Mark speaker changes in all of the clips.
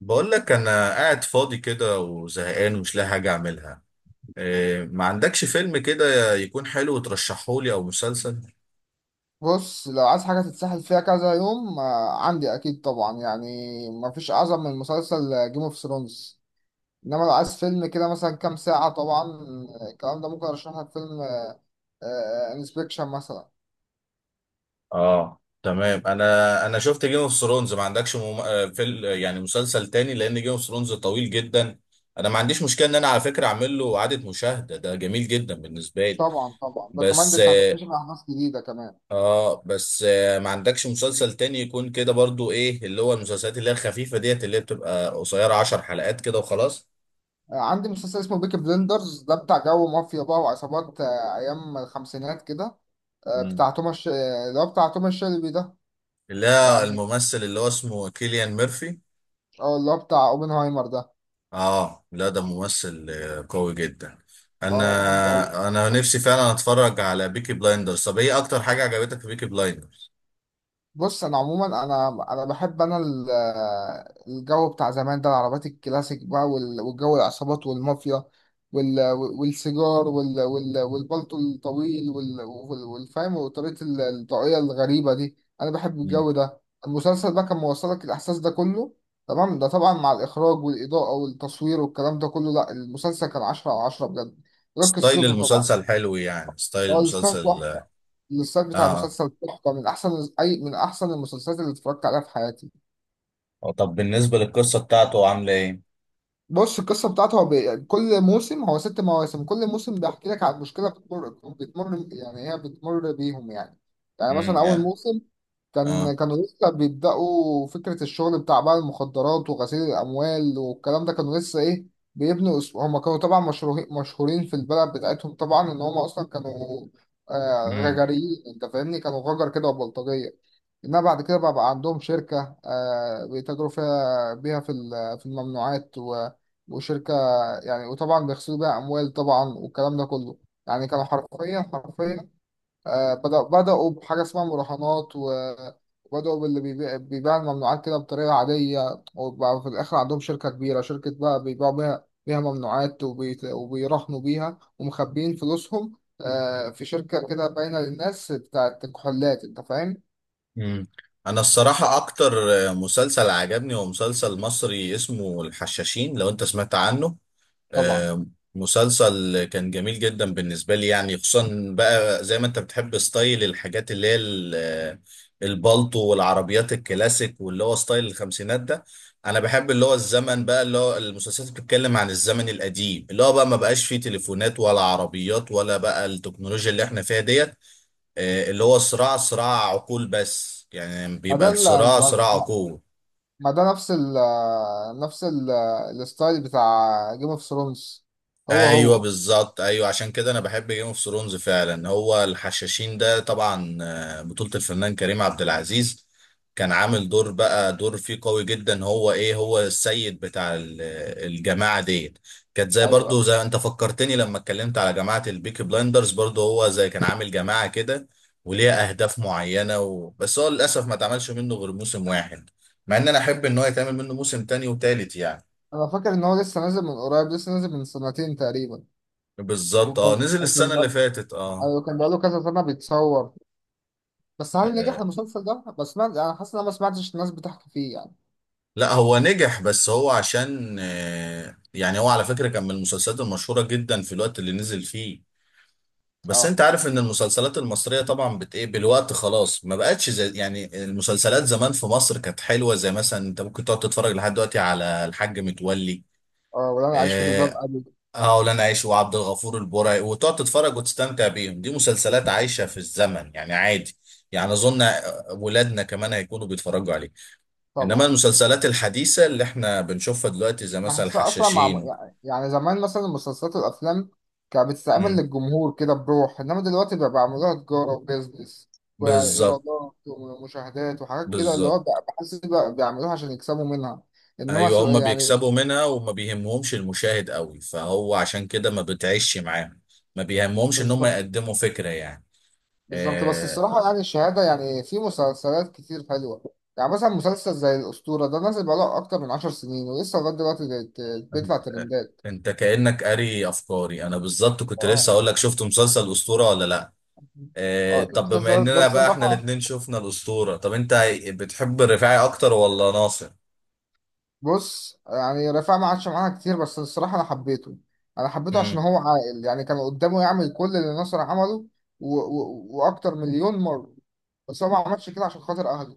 Speaker 1: بقول لك انا قاعد فاضي كده وزهقان ومش لاقي حاجه اعملها. إيه، ما عندكش فيلم كده يكون حلو ترشحه لي او مسلسل؟
Speaker 2: بص لو عايز حاجة تتسحل فيها كذا يوم، عندي أكيد طبعا يعني. مفيش أعظم من مسلسل جيم اوف ثرونز. إنما لو عايز فيلم كده مثلا كام ساعة طبعا، الكلام ده ممكن أرشح لك فيلم انسبكشن مثلا.
Speaker 1: اه تمام، انا شفت جيم اوف ثرونز. ما عندكش مم... آه، فيل... يعني مسلسل تاني لان جيم اوف ثرونز طويل جدا. انا ما عنديش مشكله ان انا على فكره اعمل له اعاده مشاهده، ده جميل جدا بالنسبه لي.
Speaker 2: طبعا ده
Speaker 1: بس
Speaker 2: أنت هتكتشف أحداث جديدة كمان.
Speaker 1: اه، بس ما عندكش مسلسل تاني يكون كده برضو، ايه اللي هو المسلسلات اللي هي الخفيفه ديت اللي هي بتبقى قصيره 10 حلقات كده وخلاص؟
Speaker 2: عندي مسلسل اسمه بيكي بلندرز، ده بتاع جو مافيا بقى وعصابات، أيام الخمسينات كده، بتاع توماس ش- آه، اللي هو بتاع توماس شيلبي ده.
Speaker 1: لا،
Speaker 2: يعني
Speaker 1: الممثل اللي هو اسمه كيليان ميرفي.
Speaker 2: اه، اللي هو بتاع اوبنهايمر ده.
Speaker 1: اه لا، ده ممثل قوي جدا.
Speaker 2: أنا بحبه أوي.
Speaker 1: انا نفسي فعلا اتفرج على بيكي بلايندرز. طب ايه اكتر حاجة عجبتك في بيكي بلايندرز؟
Speaker 2: بص انا عموما انا انا بحب انا ال- الجو بتاع زمان ده، العربيات الكلاسيك بقى والجو العصابات والمافيا وال- والسيجار والبلطو الطويل والفاهم وطريقة الطاقية الغريبة دي، انا بحب
Speaker 1: مم.
Speaker 2: الجو ده. المسلسل بقى كان موصلك الاحساس ده كله، تمام؟ ده طبعا مع الاخراج والاضاءة والتصوير والكلام ده كله. لا، المسلسل كان 10/10 بجد، غير
Speaker 1: ستايل
Speaker 2: قصته طبعا.
Speaker 1: المسلسل حلو، يعني ستايل
Speaker 2: هو الاستاذ
Speaker 1: المسلسل
Speaker 2: تحفة.
Speaker 1: اه.
Speaker 2: الاستاذ بتاع
Speaker 1: آه.
Speaker 2: مسلسل تحفة، من أحسن، أي من أحسن المسلسلات اللي اتفرجت عليها في حياتي.
Speaker 1: طب بالنسبة للقصة بتاعته عاملة ايه؟
Speaker 2: بص، القصة بتاعته هو كل موسم، هو 6 مواسم، كل موسم بيحكي لك عن مشكلة بتمر يعني هي بتمر بيهم يعني. يعني مثلا أول
Speaker 1: يعني.
Speaker 2: موسم،
Speaker 1: اه.
Speaker 2: كانوا لسه بيبدأوا فكرة الشغل بتاع بقى المخدرات وغسيل الأموال، والكلام ده كانوا لسه إيه، هما كانوا طبعا مشهورين مشهورين في البلد بتاعتهم طبعا. إن هما أصلا كانوا،
Speaker 1: امم.
Speaker 2: غجريين، أنت فاهمني، كانوا غجر كده وبلطجية. انما بعد كده بقى عندهم شركة، بيتاجروا بيها في في الممنوعات و- وشركة، يعني وطبعا بيغسلوا بيها أموال طبعا والكلام ده كله. يعني كانوا حرفيا حرفيا، بدأوا بحاجة اسمها مراهنات و- وبدأوا باللي بيبيع الممنوعات كده بطريقة عادية، وبقى في الآخر عندهم شركة كبيرة، شركة بقى بيبيعوا بيها ممنوعات وبيراهنوا بيها ومخبيين فلوسهم، في شركة كده باينة للناس بتاعت كحولات. أنت فاهم؟
Speaker 1: امم، انا الصراحة اكتر مسلسل عجبني هو مسلسل مصري اسمه الحشاشين، لو انت سمعت عنه.
Speaker 2: طبعا.
Speaker 1: آه، مسلسل كان جميل جدا بالنسبة لي يعني، خصوصا بقى زي ما انت بتحب ستايل الحاجات اللي هي البالطو والعربيات الكلاسيك واللي هو ستايل الخمسينات ده. انا بحب اللي هو الزمن بقى، اللي هو المسلسلات اللي بتتكلم عن الزمن القديم اللي هو بقى ما بقاش فيه تليفونات ولا عربيات ولا بقى التكنولوجيا اللي احنا فيها ديت. آه، اللي هو صراع، صراع عقول بس يعني
Speaker 2: ما
Speaker 1: بيبقى
Speaker 2: ده ال-
Speaker 1: الصراع
Speaker 2: ما
Speaker 1: صراع عقول.
Speaker 2: ما ده نفس ال نفس ال الستايل بتاع جيم اوف ثرونز، هو
Speaker 1: ايوه
Speaker 2: هو.
Speaker 1: بالظبط، ايوه، عشان كده انا بحب جيم اوف ثرونز فعلا. هو الحشاشين ده طبعا آه، بطولة الفنان كريم عبد العزيز. كان عامل دور بقى، دور فيه قوي جدا. هو ايه، هو السيد بتاع الجماعة ديت. كانت زي،
Speaker 2: ايوه،
Speaker 1: برضو
Speaker 2: أيوة.
Speaker 1: زي، انت فكرتني لما اتكلمت على جماعة البيكي بلايندرز، برضو هو زي كان عامل جماعة كده وليها اهداف معينة بس هو للاسف ما اتعملش منه غير موسم واحد، مع ان انا احب ان هو يتعمل منه موسم تاني وتالت يعني.
Speaker 2: انا فاكر ان هو لسه نازل من قريب، لسه نازل من سنتين تقريبا.
Speaker 1: بالظبط اه،
Speaker 2: وكان
Speaker 1: نزل
Speaker 2: وكان
Speaker 1: السنة اللي
Speaker 2: بقى،
Speaker 1: فاتت اه.
Speaker 2: ايوه، كان بقاله كذا سنه بيتصور. بس هل نجح
Speaker 1: آه،
Speaker 2: المسلسل ده؟ بس ما انا حاسس ان انا ما سمعتش الناس بتحكي فيه يعني.
Speaker 1: لا هو نجح، بس هو عشان يعني هو على فكرة كان من المسلسلات المشهورة جدا في الوقت اللي نزل فيه. بس انت
Speaker 2: اه،
Speaker 1: عارف ان المسلسلات المصرية طبعا بت ايه بالوقت خلاص، ما بقتش زي، يعني المسلسلات زمان في مصر كانت حلوة، زي مثلا انت ممكن تقعد تتفرج لحد دلوقتي على الحاج متولي.
Speaker 2: اه، ولا انا عايش في جلباب
Speaker 1: اه.
Speaker 2: ابي.
Speaker 1: آه، ولانا عايش وعبد الغفور البرعي، وتقعد تتفرج وتستمتع بيهم، دي مسلسلات عايشة في الزمن يعني عادي. يعني اظن ولادنا كمان هيكونوا بيتفرجوا عليها. انما
Speaker 2: طبعا.
Speaker 1: المسلسلات الحديثه اللي احنا بنشوفها دلوقتي زي مثلا
Speaker 2: بحسها اصلا مع
Speaker 1: الحشاشين.
Speaker 2: يعني، يعني زمان مثلا المسلسلات والافلام كانت بتستعمل
Speaker 1: مم.
Speaker 2: للجمهور كده بروح، انما دلوقتي بقى بيعملوها تجاره وبيزنس
Speaker 1: بالظبط.
Speaker 2: وايرادات ومشاهدات وحاجات كده. اللي هو
Speaker 1: بالظبط.
Speaker 2: بقى، بحس بقى بيعملوها عشان يكسبوا منها. انما
Speaker 1: ايوه هم
Speaker 2: يعني
Speaker 1: بيكسبوا منها وما بيهمهمش المشاهد قوي، فهو عشان كده ما بتعيش معاهم. ما بيهمهمش ان هم
Speaker 2: بالظبط،
Speaker 1: يقدموا فكره يعني.
Speaker 2: بالظبط. بس
Speaker 1: آه،
Speaker 2: الصراحه يعني الشهاده، يعني في مسلسلات كتير حلوه. يعني مثلا مسلسل زي الاسطوره ده، نازل بقاله اكتر من 10 سنين ولسه لغايه دلوقتي بيطلع
Speaker 1: انت،
Speaker 2: ترندات.
Speaker 1: أنت كانك قاري افكاري. انا بالظبط كنت لسه
Speaker 2: اه.
Speaker 1: اقول لك، شفت مسلسل اسطوره ولا لا؟ آه،
Speaker 2: اه،
Speaker 1: طب بما
Speaker 2: المسلسلات ده
Speaker 1: اننا بقى احنا
Speaker 2: الصراحه.
Speaker 1: الاتنين شفنا الاسطوره، طب انت بتحب الرفاعي اكتر ولا ناصر؟
Speaker 2: بص، يعني رفاعة ما عادش معانا كتير، بس الصراحة أنا حبيته. أنا حبيته عشان
Speaker 1: مم.
Speaker 2: هو عاقل. يعني كان قدامه يعمل كل اللي نصر عمله وأكتر مليون مرة، بس هو ما عملش كده عشان خاطر أهله.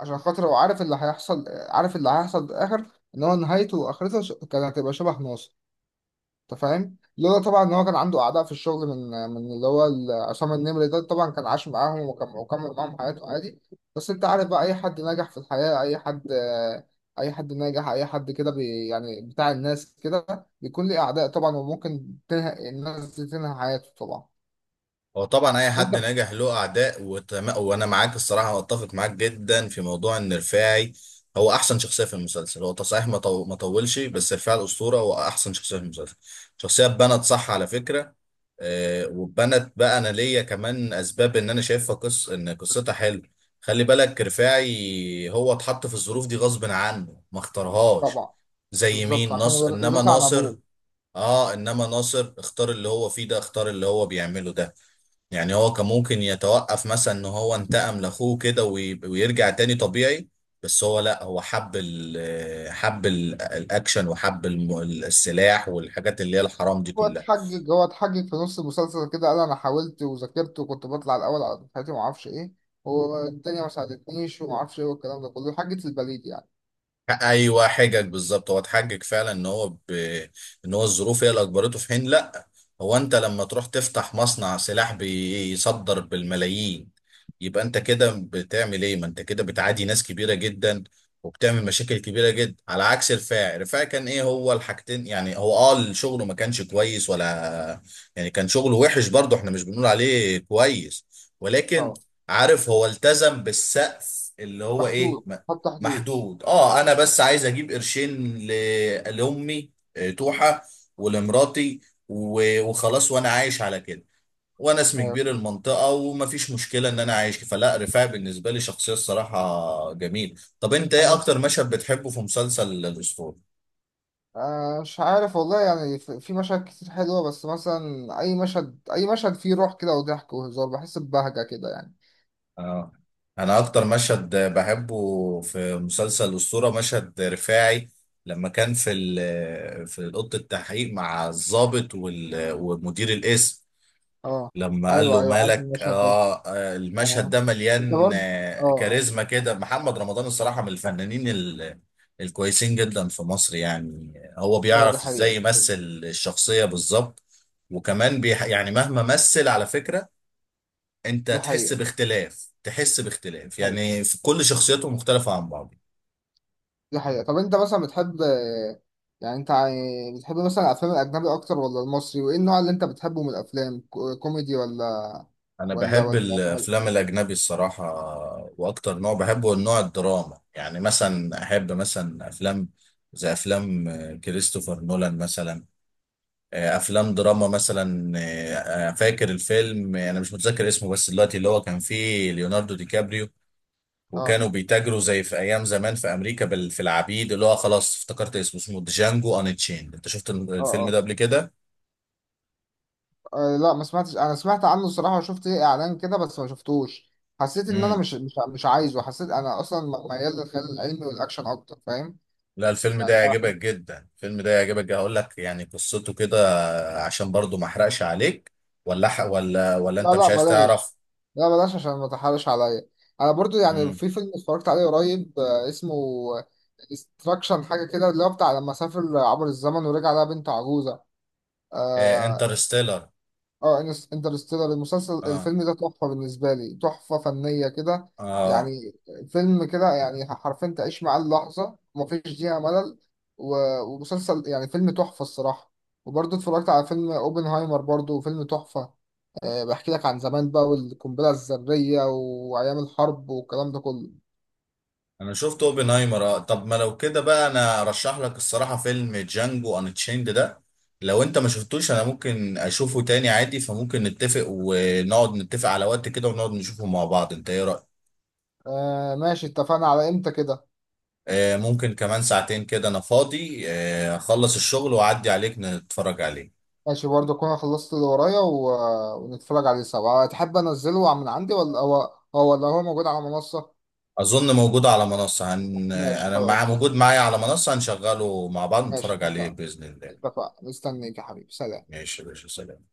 Speaker 2: عشان خاطر هو عارف اللي هيحصل، عارف اللي هيحصل في الآخر، إن هو نهايته وآخرته كانت هتبقى شبه ناصر. انت فاهم؟ لولا طبعا ان هو كان عنده اعداء في الشغل، من عصام النمري ده، طبعا كان عاش معاهم وكمل معاهم حياته عادي. بس انت عارف بقى، اي حد ناجح في الحياة، اي حد ناجح اي حد كده يعني بتاع الناس كده، بيكون ليه اعداء طبعا، وممكن تنهي الناس دي تنهي حياته طبعا.
Speaker 1: هو طبعا اي
Speaker 2: انت.
Speaker 1: حد ناجح له اعداء. وانا معاك الصراحه، واتفق معاك جدا في موضوع ان رفاعي هو احسن شخصيه في المسلسل. هو صحيح ما طولش، بس رفاعي الاسطوره هو احسن شخصيه في المسلسل. شخصيه اتبنت صح على فكره. آه واتبنت بقى، انا ليا كمان اسباب ان انا شايفها قص ان قصتها حلو. خلي بالك رفاعي هو اتحط في الظروف دي غصب عنه، ما اختارهاش.
Speaker 2: طبعا.
Speaker 1: زي
Speaker 2: بالظبط،
Speaker 1: مين؟
Speaker 2: عشان
Speaker 1: ناصر. انما
Speaker 2: ورثها عن
Speaker 1: ناصر
Speaker 2: ابوه.
Speaker 1: اه انما ناصر اختار اللي هو فيه ده، اختار اللي هو بيعمله ده. يعني هو كان ممكن يتوقف مثلا، ان هو انتقم لاخوه كده ويرجع تاني طبيعي. بس هو لا، هو حب ال حب ال الاكشن وحب السلاح والحاجات اللي هي الحرام دي
Speaker 2: هو
Speaker 1: كلها.
Speaker 2: اتحجج، هو اتحجج في نص المسلسل كده، قال انا حاولت وذاكرت وكنت بطلع الاول على دفعتي وما اعرفش ايه والدنيا ما ساعدتنيش وما اعرفش ايه والكلام ده كله، حجة البليد يعني.
Speaker 1: ايوه حجج بالظبط، هو اتحجج فعلا ان ان هو الظروف هي اللي اجبرته. في حين لا، هو انت لما تروح تفتح مصنع سلاح بيصدر بالملايين، يبقى انت كده بتعمل ايه؟ ما انت كده بتعادي ناس كبيره جدا وبتعمل مشاكل كبيره جدا. على عكس رفاعي، رفاعي كان ايه، هو الحاجتين يعني. هو اه شغله ما كانش كويس، ولا يعني، كان شغله وحش برضه، احنا مش بنقول عليه كويس، ولكن
Speaker 2: طبعا.
Speaker 1: عارف هو التزم بالسقف اللي هو ايه،
Speaker 2: بحدود، حط حدود.
Speaker 1: محدود. اه انا بس عايز اجيب قرشين لامي آه، توحة، ولمراتي وخلاص، وانا عايش على كده، وانا اسمي
Speaker 2: آه،
Speaker 1: كبير المنطقة ومفيش مشكلة ان انا عايش. فلا رفاعي بالنسبة لي شخصية الصراحة جميل. طب انت ايه
Speaker 2: انا،
Speaker 1: اكتر مشهد بتحبه في مسلسل الاسطورة؟
Speaker 2: مش عارف والله يعني. في في مشاهد كتير حلوة، بس مثلا اي مشهد، اي مشهد فيه روح كده وضحك وهزار، بحس ببهجة كده يعني.
Speaker 1: اه، انا اكتر مشهد بحبه في مسلسل الاسطورة مشهد رفاعي لما كان في في اوضه التحقيق مع الضابط ومدير القسم
Speaker 2: اه.
Speaker 1: لما قال
Speaker 2: ايوه،
Speaker 1: له
Speaker 2: ايوه، عارف
Speaker 1: مالك.
Speaker 2: المشهد ده.
Speaker 1: آه آه، المشهد
Speaker 2: اه.
Speaker 1: ده
Speaker 2: انت
Speaker 1: مليان
Speaker 2: برضه. اه.
Speaker 1: آه
Speaker 2: اه.
Speaker 1: كاريزما كده. محمد رمضان الصراحة من الفنانين الكويسين جدا في مصر يعني، هو
Speaker 2: ايوه، دي
Speaker 1: بيعرف
Speaker 2: حقيقة،
Speaker 1: ازاي
Speaker 2: دي حقيقة.
Speaker 1: يمثل الشخصية بالظبط. وكمان بيح يعني، مهما مثل على فكرة، انت
Speaker 2: دي
Speaker 1: تحس
Speaker 2: حقيقة،
Speaker 1: باختلاف، تحس باختلاف يعني في كل شخصيته مختلفة عن بعض.
Speaker 2: دي حقيقة. طب انت مثلا بتحب، يعني انت بتحب مثلا الافلام الاجنبي اكتر ولا المصري؟ وايه النوع اللي انت بتحبه من الافلام، كوميدي ولا
Speaker 1: انا
Speaker 2: ولا
Speaker 1: بحب
Speaker 2: ولا خل-
Speaker 1: الافلام الاجنبي الصراحه، واكتر نوع بحبه هو النوع الدراما. يعني مثلا احب مثلا افلام، زي افلام كريستوفر نولان مثلا، آه، افلام دراما مثلا. فاكر الفيلم آه، انا مش متذكر اسمه بس دلوقتي، اللي هو كان فيه ليوناردو دي كابريو
Speaker 2: اه،
Speaker 1: وكانوا بيتاجروا زي في ايام زمان في امريكا في العبيد، اللي هو خلاص افتكرت اسمه، اسمه جانجو ان تشين. انت شفت
Speaker 2: اه،
Speaker 1: الفيلم ده
Speaker 2: اه.
Speaker 1: قبل كده؟
Speaker 2: لا، ما سمعتش، انا سمعت عنه الصراحة وشفت ليه اعلان كده بس ما شفتوش. حسيت ان انا مش عايزه. حسيت انا اصلا ميال للخيال العلمي والاكشن اكتر، فاهم؟
Speaker 1: لا الفيلم ده
Speaker 2: يعني
Speaker 1: يعجبك جدا، الفيلم ده يعجبك جدا. هقول لك يعني قصته كده عشان برضو ما احرقش عليك، ولا
Speaker 2: لا،
Speaker 1: انت
Speaker 2: لا،
Speaker 1: مش عايز
Speaker 2: بلاش.
Speaker 1: تعرف؟
Speaker 2: لا بلاش، عشان ما تحرش عليا. انا برضو يعني
Speaker 1: امم.
Speaker 2: في فيلم اتفرجت عليه قريب، اسمه استراكشن حاجه كده، اللي هو بتاع لما سافر عبر الزمن ورجع لها بنت عجوزه،
Speaker 1: إيه،
Speaker 2: آه،
Speaker 1: انترستيلر.
Speaker 2: اه، انترستيلر. المسلسل،
Speaker 1: اه.
Speaker 2: الفيلم ده تحفة بالنسبة لي، تحفة فنية كده
Speaker 1: اه.
Speaker 2: يعني. فيلم كده يعني حرفيا تعيش معاه اللحظة ومفيش دقيقة ملل. و- ومسلسل يعني فيلم تحفة الصراحة. وبرضه اتفرجت على فيلم اوبنهايمر، برضه فيلم تحفة. أه، بحكي لك عن زمان بقى والقنبلة الذرية وأيام الحرب والكلام ده كله.
Speaker 1: انا شفت اوبنهايمر. آه. طب ما لو كده بقى، انا ارشح لك الصراحة فيلم جانجو ان تشيند ده، لو انت ما شفتوش. انا ممكن اشوفه تاني عادي، فممكن نتفق ونقعد، نتفق على وقت كده ونقعد نشوفه مع بعض. انت ايه رأيك؟
Speaker 2: أه ماشي، اتفقنا. على امتى كده؟
Speaker 1: آه، ممكن كمان 2 ساعتين كده، انا فاضي اخلص الشغل واعدي عليك نتفرج عليه.
Speaker 2: ماشي، برضه أكون خلصت اللي ورايا ونتفرج عليه سوا. تحب أنزله من عندي ولا هو، هو ولا هو موجود على منصة؟
Speaker 1: اظن موجود على منصة.
Speaker 2: ماشي،
Speaker 1: انا مع،
Speaker 2: خلاص.
Speaker 1: موجود معايا على منصة، هنشغله مع بعض
Speaker 2: ماشي،
Speaker 1: نتفرج عليه
Speaker 2: اتفقنا.
Speaker 1: بإذن الله.
Speaker 2: اتفقنا، مستنيك يا حبيبي، سلام.
Speaker 1: ماشي يا باشا، سلام.